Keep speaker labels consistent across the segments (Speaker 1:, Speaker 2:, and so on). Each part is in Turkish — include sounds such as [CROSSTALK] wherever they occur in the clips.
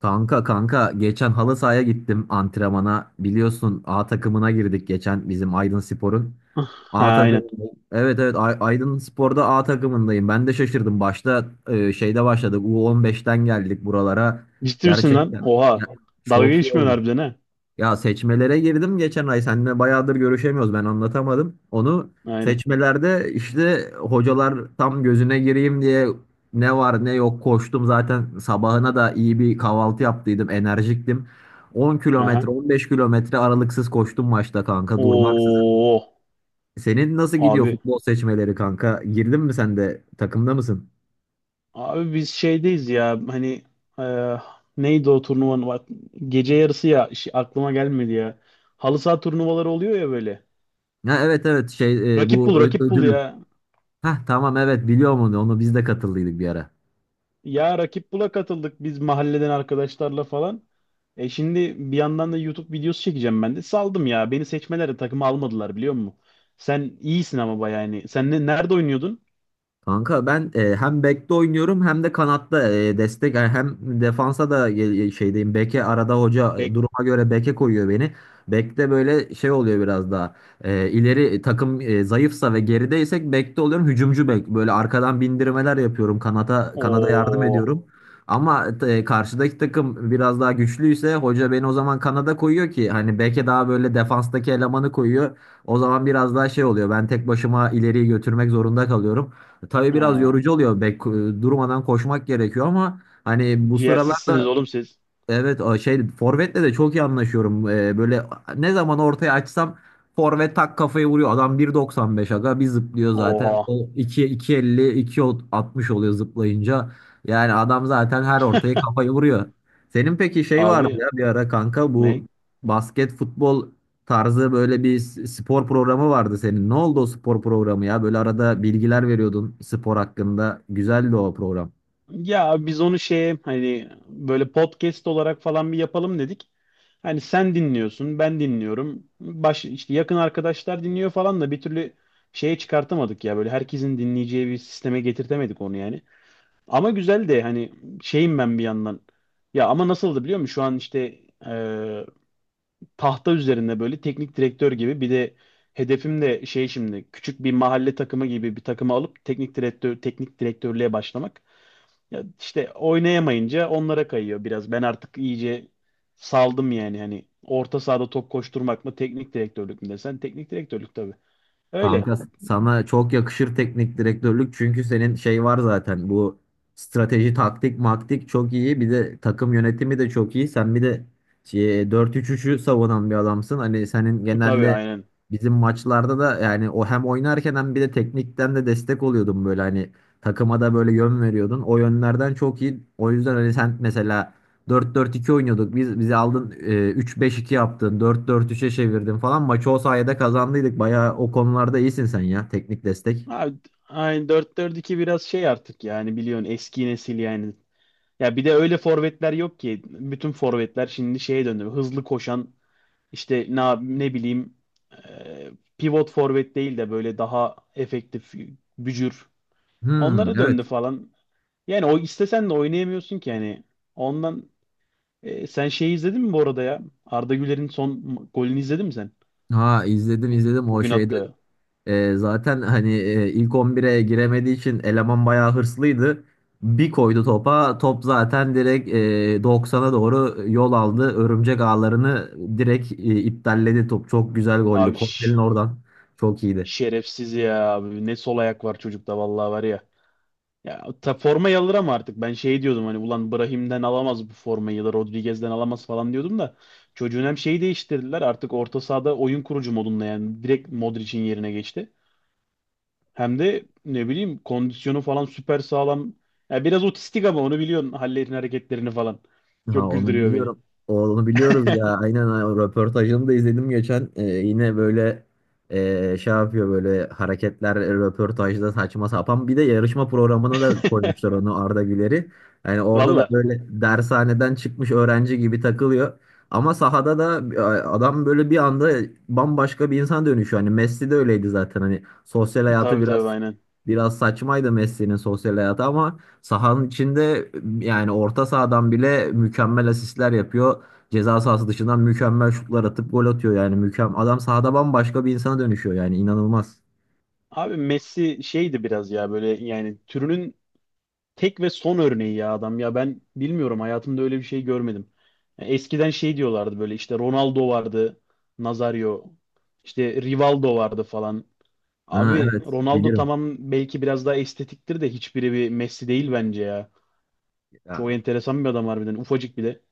Speaker 1: Kanka kanka geçen halı sahaya gittim antrenmana. Biliyorsun A takımına girdik geçen bizim Aydın Spor'un. A
Speaker 2: Ha, aynen.
Speaker 1: takımında. Evet evet Aydın Spor'da A takımındayım. Ben de şaşırdım. Başta şeyde başladık. U15'ten geldik buralara.
Speaker 2: Ciddi misin lan?
Speaker 1: Gerçekten ya,
Speaker 2: Oha. Dalga
Speaker 1: çok iyi
Speaker 2: geçmiyorsun
Speaker 1: oldu.
Speaker 2: harbiden, ha.
Speaker 1: Ya seçmelere girdim geçen ay. Seninle bayağıdır görüşemiyoruz. Ben anlatamadım. Onu
Speaker 2: Aynen.
Speaker 1: seçmelerde işte hocalar tam gözüne gireyim diye ne var ne yok koştum. Zaten sabahına da iyi bir kahvaltı yaptıydım. Enerjiktim. 10
Speaker 2: Aha.
Speaker 1: kilometre 15 kilometre aralıksız koştum maçta kanka durmaksızın.
Speaker 2: Oo.
Speaker 1: Senin nasıl gidiyor
Speaker 2: Abi.
Speaker 1: futbol seçmeleri kanka? Girdin mi sen de takımda mısın?
Speaker 2: Abi biz şeydeyiz ya. Hani e, neydi o turnuvanın? Bak, gece yarısı ya. Aklıma gelmedi ya. Halı saha turnuvaları oluyor ya böyle.
Speaker 1: Ha, evet evet şey
Speaker 2: Rakip bul,
Speaker 1: bu
Speaker 2: rakip bul
Speaker 1: ödül.
Speaker 2: ya.
Speaker 1: Hah tamam evet biliyorum onu. Onu biz de katıldıydık bir ara.
Speaker 2: Ya rakip bula katıldık biz mahalleden arkadaşlarla falan. E şimdi bir yandan da YouTube videosu çekeceğim ben de. Saldım ya. Beni seçmelerde takıma almadılar, biliyor musun? Sen iyisin ama bayağı yani. Sen nerede oynuyordun?
Speaker 1: Kanka ben hem bekte oynuyorum hem de kanatta destek yani hem defansa da şeydeyim. Beke arada hoca
Speaker 2: Bek
Speaker 1: duruma göre beke koyuyor beni. Bekte böyle şey oluyor biraz daha. E, ileri takım zayıfsa ve gerideysek bekte oluyorum. Hücumcu bek böyle arkadan bindirmeler yapıyorum. Kanata kanada yardım
Speaker 2: o.
Speaker 1: ediyorum. Ama karşıdaki takım biraz daha güçlüyse hoca beni o zaman kanada koyuyor, ki hani beke daha böyle defanstaki elemanı koyuyor. O zaman biraz daha şey oluyor. Ben tek başıma ileriyi götürmek zorunda kalıyorum. Tabii biraz yorucu oluyor. Bek durmadan koşmak gerekiyor ama hani bu
Speaker 2: Ciğersizsiniz
Speaker 1: sıralarda.
Speaker 2: oğlum siz.
Speaker 1: Evet o şey forvetle de çok iyi anlaşıyorum. Böyle ne zaman ortaya açsam forvet tak kafayı vuruyor. Adam 1,95 aga bir zıplıyor zaten.
Speaker 2: Oha.
Speaker 1: O 2 2,50 2,60 oluyor zıplayınca. Yani adam zaten her ortaya kafayı vuruyor. Senin peki şey vardı
Speaker 2: Abi,
Speaker 1: ya bir ara kanka,
Speaker 2: ne?
Speaker 1: bu basket futbol tarzı böyle bir spor programı vardı senin. Ne oldu o spor programı ya? Böyle arada bilgiler veriyordun spor hakkında. Güzeldi o program.
Speaker 2: Ya biz onu şeye hani böyle podcast olarak falan bir yapalım dedik. Hani sen dinliyorsun, ben dinliyorum. İşte yakın arkadaşlar dinliyor falan da bir türlü şeye çıkartamadık ya. Böyle herkesin dinleyeceği bir sisteme getirtemedik onu yani. Ama güzel de hani şeyim ben bir yandan. Ya ama nasıldı biliyor musun? Şu an işte tahta üzerinde böyle teknik direktör gibi bir de hedefim de şey, şimdi küçük bir mahalle takımı gibi bir takımı alıp teknik direktörlüğe başlamak. Ya işte oynayamayınca onlara kayıyor biraz. Ben artık iyice saldım yani, hani orta sahada top koşturmak mı teknik direktörlük mü desen, teknik direktörlük tabii. Öyle.
Speaker 1: Kanka sana çok yakışır teknik direktörlük, çünkü senin şey var zaten, bu strateji taktik maktik çok iyi, bir de takım yönetimi de çok iyi. Sen bir de şey, 4-3-3'ü savunan bir adamsın. Hani senin
Speaker 2: Tabii,
Speaker 1: genelde
Speaker 2: aynen.
Speaker 1: bizim maçlarda da yani o hem oynarken hem bir de teknikten de destek oluyordun böyle hani takıma da böyle yön veriyordun. O yönlerden çok iyi. O yüzden hani sen mesela. 4-4-2 oynuyorduk. Bizi aldın 3-5-2 yaptın. 4-4-3'e çevirdin falan. Maçı o sayede kazandıydık. Bayağı o konularda iyisin sen ya. Teknik destek.
Speaker 2: Abi, aynen dört 4 2 biraz şey artık yani, biliyorsun, eski nesil yani. Ya bir de öyle forvetler yok ki. Bütün forvetler şimdi şeye döndü. Hızlı koşan. İşte ne bileyim, e, pivot forvet değil de böyle daha efektif, bücür.
Speaker 1: Hmm,
Speaker 2: Onlara
Speaker 1: evet.
Speaker 2: döndü falan. Yani o istesen de oynayamıyorsun ki yani. Ondan sen şeyi izledin mi bu arada ya? Arda Güler'in son golünü izledin mi sen?
Speaker 1: Ha, izledim izledim o
Speaker 2: Bugün
Speaker 1: şeyde.
Speaker 2: attığı.
Speaker 1: Zaten hani ilk 11'e giremediği için eleman bayağı hırslıydı. Bir koydu topa. Top zaten direkt 90'a doğru yol aldı. Örümcek ağlarını direkt iptalledi top. Çok güzel goldü.
Speaker 2: Abi,
Speaker 1: Kornel'in oradan. Çok iyiydi.
Speaker 2: şerefsiz ya abi. Ne sol ayak var çocukta, vallahi var ya. Ya ta formayı alır ama artık ben şey diyordum, hani ulan Brahim'den alamaz bu formayı ya da Rodriguez'den alamaz falan diyordum da çocuğun hem şeyi değiştirdiler artık orta sahada oyun kurucu modunda, yani direkt Modric'in yerine geçti. Hem de ne bileyim, kondisyonu falan süper sağlam. Ya biraz otistik ama onu biliyorsun, hallerini, hareketlerini falan.
Speaker 1: Ha,
Speaker 2: Çok
Speaker 1: onu
Speaker 2: güldürüyor beni.
Speaker 1: biliyorum. Onu biliyoruz ya. Aynen ha, o röportajını da izledim geçen. Yine böyle şey yapıyor böyle hareketler röportajda saçma sapan. Bir de yarışma programına da koymuşlar
Speaker 2: [LAUGHS]
Speaker 1: onu, Arda Güler'i. Yani orada da
Speaker 2: Valla.
Speaker 1: böyle dershaneden çıkmış öğrenci gibi takılıyor. Ama sahada da adam böyle bir anda bambaşka bir insan dönüşüyor. Hani Messi de öyleydi zaten. Hani sosyal hayatı
Speaker 2: Tabii tabii,
Speaker 1: biraz
Speaker 2: aynen.
Speaker 1: biraz saçmaydı, Messi'nin sosyal hayatı. Ama sahanın içinde yani orta sahadan bile mükemmel asistler yapıyor. Ceza sahası dışından mükemmel şutlar atıp gol atıyor, yani mükemmel. Adam sahada bambaşka bir insana dönüşüyor yani, inanılmaz.
Speaker 2: Abi Messi şeydi biraz ya, böyle yani türünün tek ve son örneği ya adam ya, ben bilmiyorum, hayatımda öyle bir şey görmedim. Ya eskiden şey diyorlardı, böyle işte Ronaldo vardı, Nazario, işte Rivaldo vardı falan.
Speaker 1: Ha,
Speaker 2: Abi
Speaker 1: evet
Speaker 2: Ronaldo
Speaker 1: bilirim.
Speaker 2: tamam, belki biraz daha estetiktir de hiçbiri bir Messi değil bence ya.
Speaker 1: Ya,
Speaker 2: Çok enteresan bir adam harbiden, ufacık bir de.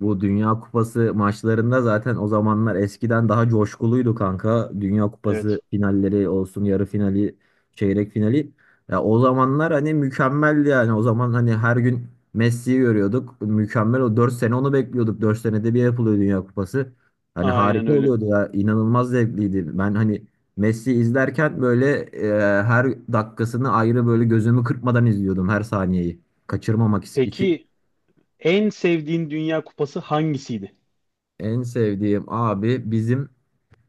Speaker 1: bu Dünya Kupası maçlarında zaten o zamanlar eskiden daha coşkuluydu kanka. Dünya Kupası
Speaker 2: Evet.
Speaker 1: finalleri olsun, yarı finali, çeyrek finali. Ya, o zamanlar hani mükemmeldi yani. O zaman hani her gün Messi'yi görüyorduk. Mükemmel, o 4 sene onu bekliyorduk. 4 senede bir yapılıyor Dünya Kupası. Hani
Speaker 2: Aynen
Speaker 1: harika
Speaker 2: öyle.
Speaker 1: oluyordu ya. İnanılmaz zevkliydi. Ben hani Messi izlerken böyle her dakikasını ayrı böyle gözümü kırpmadan izliyordum her saniyeyi. Kaçırmamak için.
Speaker 2: Peki en sevdiğin Dünya Kupası hangisiydi?
Speaker 1: En sevdiğim abi bizim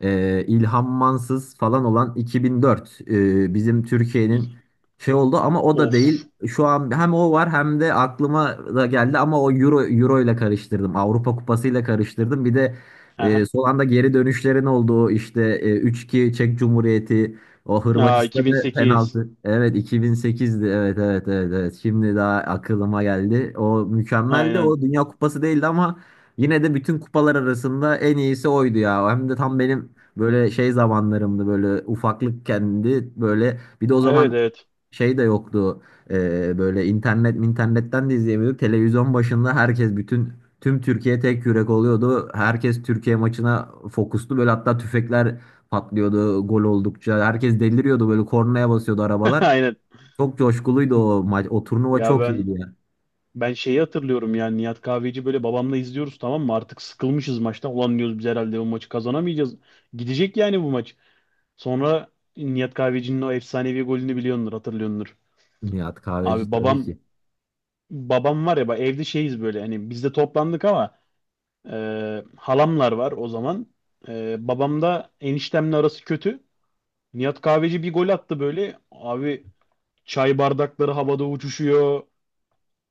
Speaker 1: İlham Mansız falan olan 2004 bizim Türkiye'nin
Speaker 2: İ-
Speaker 1: şey oldu, ama o da
Speaker 2: Of.
Speaker 1: değil. Şu an hem o var hem de aklıma da geldi, ama o Euro ile karıştırdım. Avrupa Kupası ile karıştırdım. Bir de
Speaker 2: Aha.
Speaker 1: son anda geri dönüşlerin olduğu işte 3-2 Çek Cumhuriyeti, o
Speaker 2: Aa,
Speaker 1: Hırvatistan'da
Speaker 2: 2008.
Speaker 1: penaltı. Evet 2008'di. Evet evet evet evet. Şimdi daha aklıma geldi. O mükemmeldi.
Speaker 2: Aynen.
Speaker 1: O Dünya Kupası değildi ama yine de bütün kupalar arasında en iyisi oydu ya. Hem de tam benim böyle şey zamanlarımdı, böyle ufaklık kendi, böyle bir de o zaman
Speaker 2: Evet, evet.
Speaker 1: şey de yoktu. Böyle internetten de izleyemiyorduk. Televizyon başında herkes, bütün, tüm Türkiye tek yürek oluyordu. Herkes Türkiye maçına fokustu böyle. Hatta tüfekler patlıyordu, gol oldukça herkes deliriyordu, böyle kornaya basıyordu
Speaker 2: [LAUGHS]
Speaker 1: arabalar.
Speaker 2: Aynen.
Speaker 1: Çok coşkuluydu o maç, o turnuva
Speaker 2: Ya
Speaker 1: çok iyiydi
Speaker 2: ben
Speaker 1: ya.
Speaker 2: Ben şeyi hatırlıyorum yani, Nihat Kahveci, böyle babamla izliyoruz, tamam mı? Artık sıkılmışız maçtan. Ulan diyoruz biz herhalde bu maçı kazanamayacağız. Gidecek yani bu maç. Sonra Nihat Kahveci'nin o efsanevi golünü biliyordur, hatırlıyordur.
Speaker 1: Nihat Kahveci,
Speaker 2: Abi
Speaker 1: tabii
Speaker 2: babam,
Speaker 1: ki.
Speaker 2: var ya bak, evde şeyiz böyle hani, biz de toplandık ama halamlar var o zaman. E, babam da eniştemle arası kötü. Nihat Kahveci bir gol attı böyle. Abi çay bardakları havada uçuşuyor.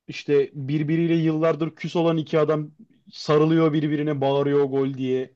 Speaker 2: İşte birbiriyle yıllardır küs olan iki adam sarılıyor birbirine, bağırıyor gol diye.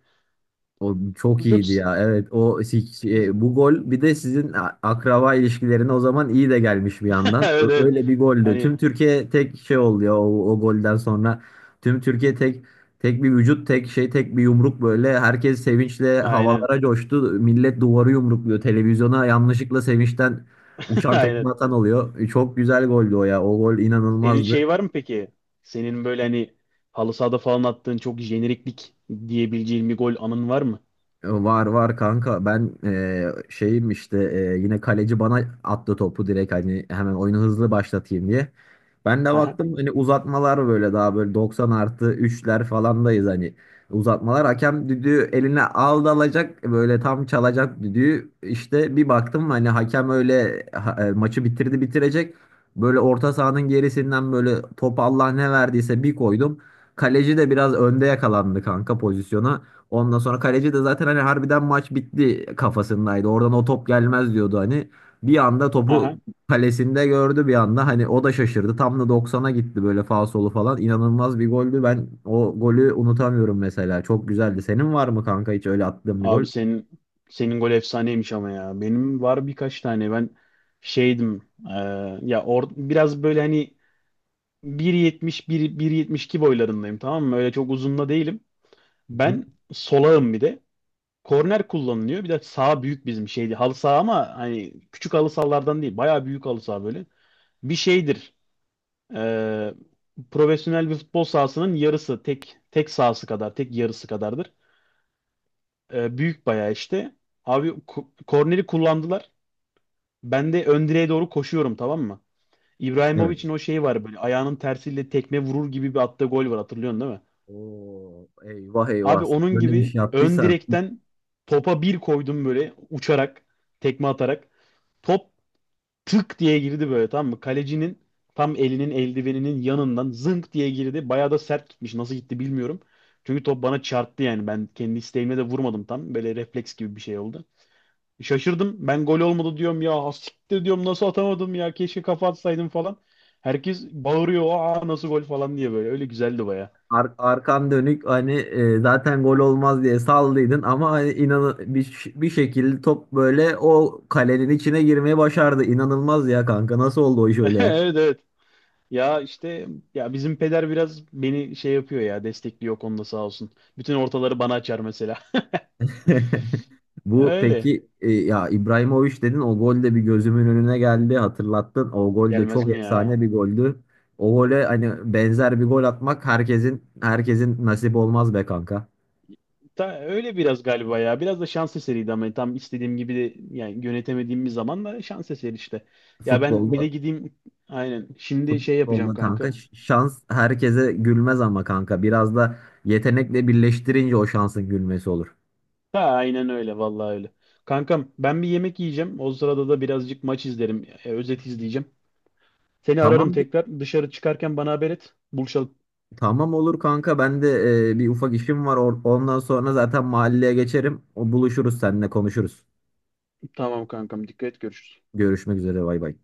Speaker 1: O çok
Speaker 2: Çok...
Speaker 1: iyiydi
Speaker 2: [LAUGHS]
Speaker 1: ya. Evet o bu gol bir de sizin akraba ilişkilerine o zaman iyi de gelmiş bir yandan.
Speaker 2: Evet, evet.
Speaker 1: Öyle bir goldü.
Speaker 2: Hani,
Speaker 1: Tüm Türkiye tek şey oldu ya o golden sonra. Tüm Türkiye tek tek bir vücut, tek şey, tek bir yumruk böyle. Herkes sevinçle
Speaker 2: aynen.
Speaker 1: havalara coştu. Millet duvarı yumrukluyor. Televizyona yanlışlıkla sevinçten
Speaker 2: [LAUGHS]
Speaker 1: uçan tekme
Speaker 2: Aynen.
Speaker 1: atan oluyor. Çok güzel goldü o ya. O gol
Speaker 2: Senin
Speaker 1: inanılmazdı.
Speaker 2: şey var mı peki? Senin böyle hani halı sahada falan attığın çok jeneriklik diyebileceğin bir gol anın var mı?
Speaker 1: Var var kanka, ben şeyim işte, yine kaleci bana attı topu direkt, hani hemen oyunu hızlı başlatayım diye. Ben de
Speaker 2: Aha,
Speaker 1: baktım hani uzatmalar, böyle daha böyle 90 artı 3'ler falandayız hani, uzatmalar. Hakem düdüğü eline aldı, alacak böyle, tam çalacak düdüğü, işte bir baktım hani hakem öyle maçı bitirdi bitirecek. Böyle orta sahanın gerisinden böyle top Allah ne verdiyse bir koydum. Kaleci de biraz önde yakalandı kanka pozisyona. Ondan sonra kaleci de zaten hani harbiden maç bitti kafasındaydı. Oradan o top gelmez diyordu hani. Bir anda
Speaker 2: aha.
Speaker 1: topu kalesinde gördü bir anda. Hani o da şaşırdı. Tam da 90'a gitti böyle, faul solu falan. İnanılmaz bir goldü. Ben o golü unutamıyorum mesela. Çok güzeldi. Senin var mı kanka hiç öyle attığın bir gol?
Speaker 2: Abi senin, gol efsaneymiş ama ya. Benim var birkaç tane. Ben şeydim. Ya or biraz böyle hani bir yetmiş bir 1 1.72 boylarındayım, tamam mı? Öyle çok uzun da değilim.
Speaker 1: Hı hı.
Speaker 2: Ben solağım bir de. Korner kullanılıyor. Bir de sağ büyük bizim şeydi. Halı saha ama hani küçük halı sahalardan değil. Bayağı büyük halı saha böyle. Bir şeydir. Ee, profesyonel bir futbol sahasının yarısı. Tek sahası kadar. Tek yarısı kadardır. Büyük bayağı işte. Abi korneri kullandılar. Ben de ön direğe doğru koşuyorum, tamam mı?
Speaker 1: Evet.
Speaker 2: İbrahimovic'in o şeyi var böyle, ayağının tersiyle tekme vurur gibi bir attığı gol var, hatırlıyorsun değil mi?
Speaker 1: Oo, eyvah
Speaker 2: Abi
Speaker 1: eyvah.
Speaker 2: onun
Speaker 1: Böyle bir
Speaker 2: gibi
Speaker 1: şey
Speaker 2: ön
Speaker 1: attıysan.
Speaker 2: direkten topa bir koydum böyle uçarak, tekme atarak. Top tık diye girdi böyle, tamam mı? Kalecinin tam elinin, eldiveninin yanından zınk diye girdi. Bayağı da sert gitmiş. Nasıl gitti bilmiyorum. Çünkü top bana çarptı yani. Ben kendi isteğimle de vurmadım tam. Böyle refleks gibi bir şey oldu. Şaşırdım. Ben gol olmadı diyorum ya. "Ha, siktir" diyorum, "nasıl atamadım ya. Keşke kafa atsaydım" falan. Herkes bağırıyor. "Aa, nasıl gol" falan diye böyle. Öyle güzeldi baya.
Speaker 1: Arkan dönük hani, zaten gol olmaz diye saldıydın, ama hani inan bir şekilde top böyle o kalenin içine girmeyi başardı. İnanılmaz ya kanka, nasıl oldu o iş öyle
Speaker 2: [LAUGHS]
Speaker 1: ya?
Speaker 2: Evet, evet. Ya işte, ya bizim peder biraz beni şey yapıyor ya, destekliyor o konuda, sağ olsun. Bütün ortaları bana açar mesela.
Speaker 1: [LAUGHS]
Speaker 2: [LAUGHS]
Speaker 1: Bu
Speaker 2: Öyle.
Speaker 1: peki ya İbrahimovic dedin, o gol de bir gözümün önüne geldi hatırlattın. O gol de
Speaker 2: Gelmez
Speaker 1: çok
Speaker 2: mi ya?
Speaker 1: efsane bir goldü. O gole hani benzer bir gol atmak herkesin nasip olmaz be kanka.
Speaker 2: Ta, öyle biraz galiba ya. Biraz da şans eseriydi ama tam istediğim gibi de yani, yönetemediğim bir zaman da şans eseri işte. Ya ben bir de
Speaker 1: Futbolda
Speaker 2: gideyim, aynen. Şimdi şey yapacağım,
Speaker 1: Futbolda
Speaker 2: kanka.
Speaker 1: kanka, şans herkese gülmez ama kanka, biraz da yetenekle birleştirince o şansın gülmesi olur.
Speaker 2: Ha, aynen öyle, vallahi öyle. Kankam, ben bir yemek yiyeceğim. O sırada da birazcık maç izlerim. Özet izleyeceğim. Seni ararım
Speaker 1: Tamam,
Speaker 2: tekrar. Dışarı çıkarken bana haber et. Buluşalım.
Speaker 1: tamam olur kanka. Ben de bir ufak işim var. Ondan sonra zaten mahalleye geçerim. O buluşuruz, seninle konuşuruz.
Speaker 2: Tamam kankam, dikkat et, görüşürüz.
Speaker 1: Görüşmek üzere, bay bay.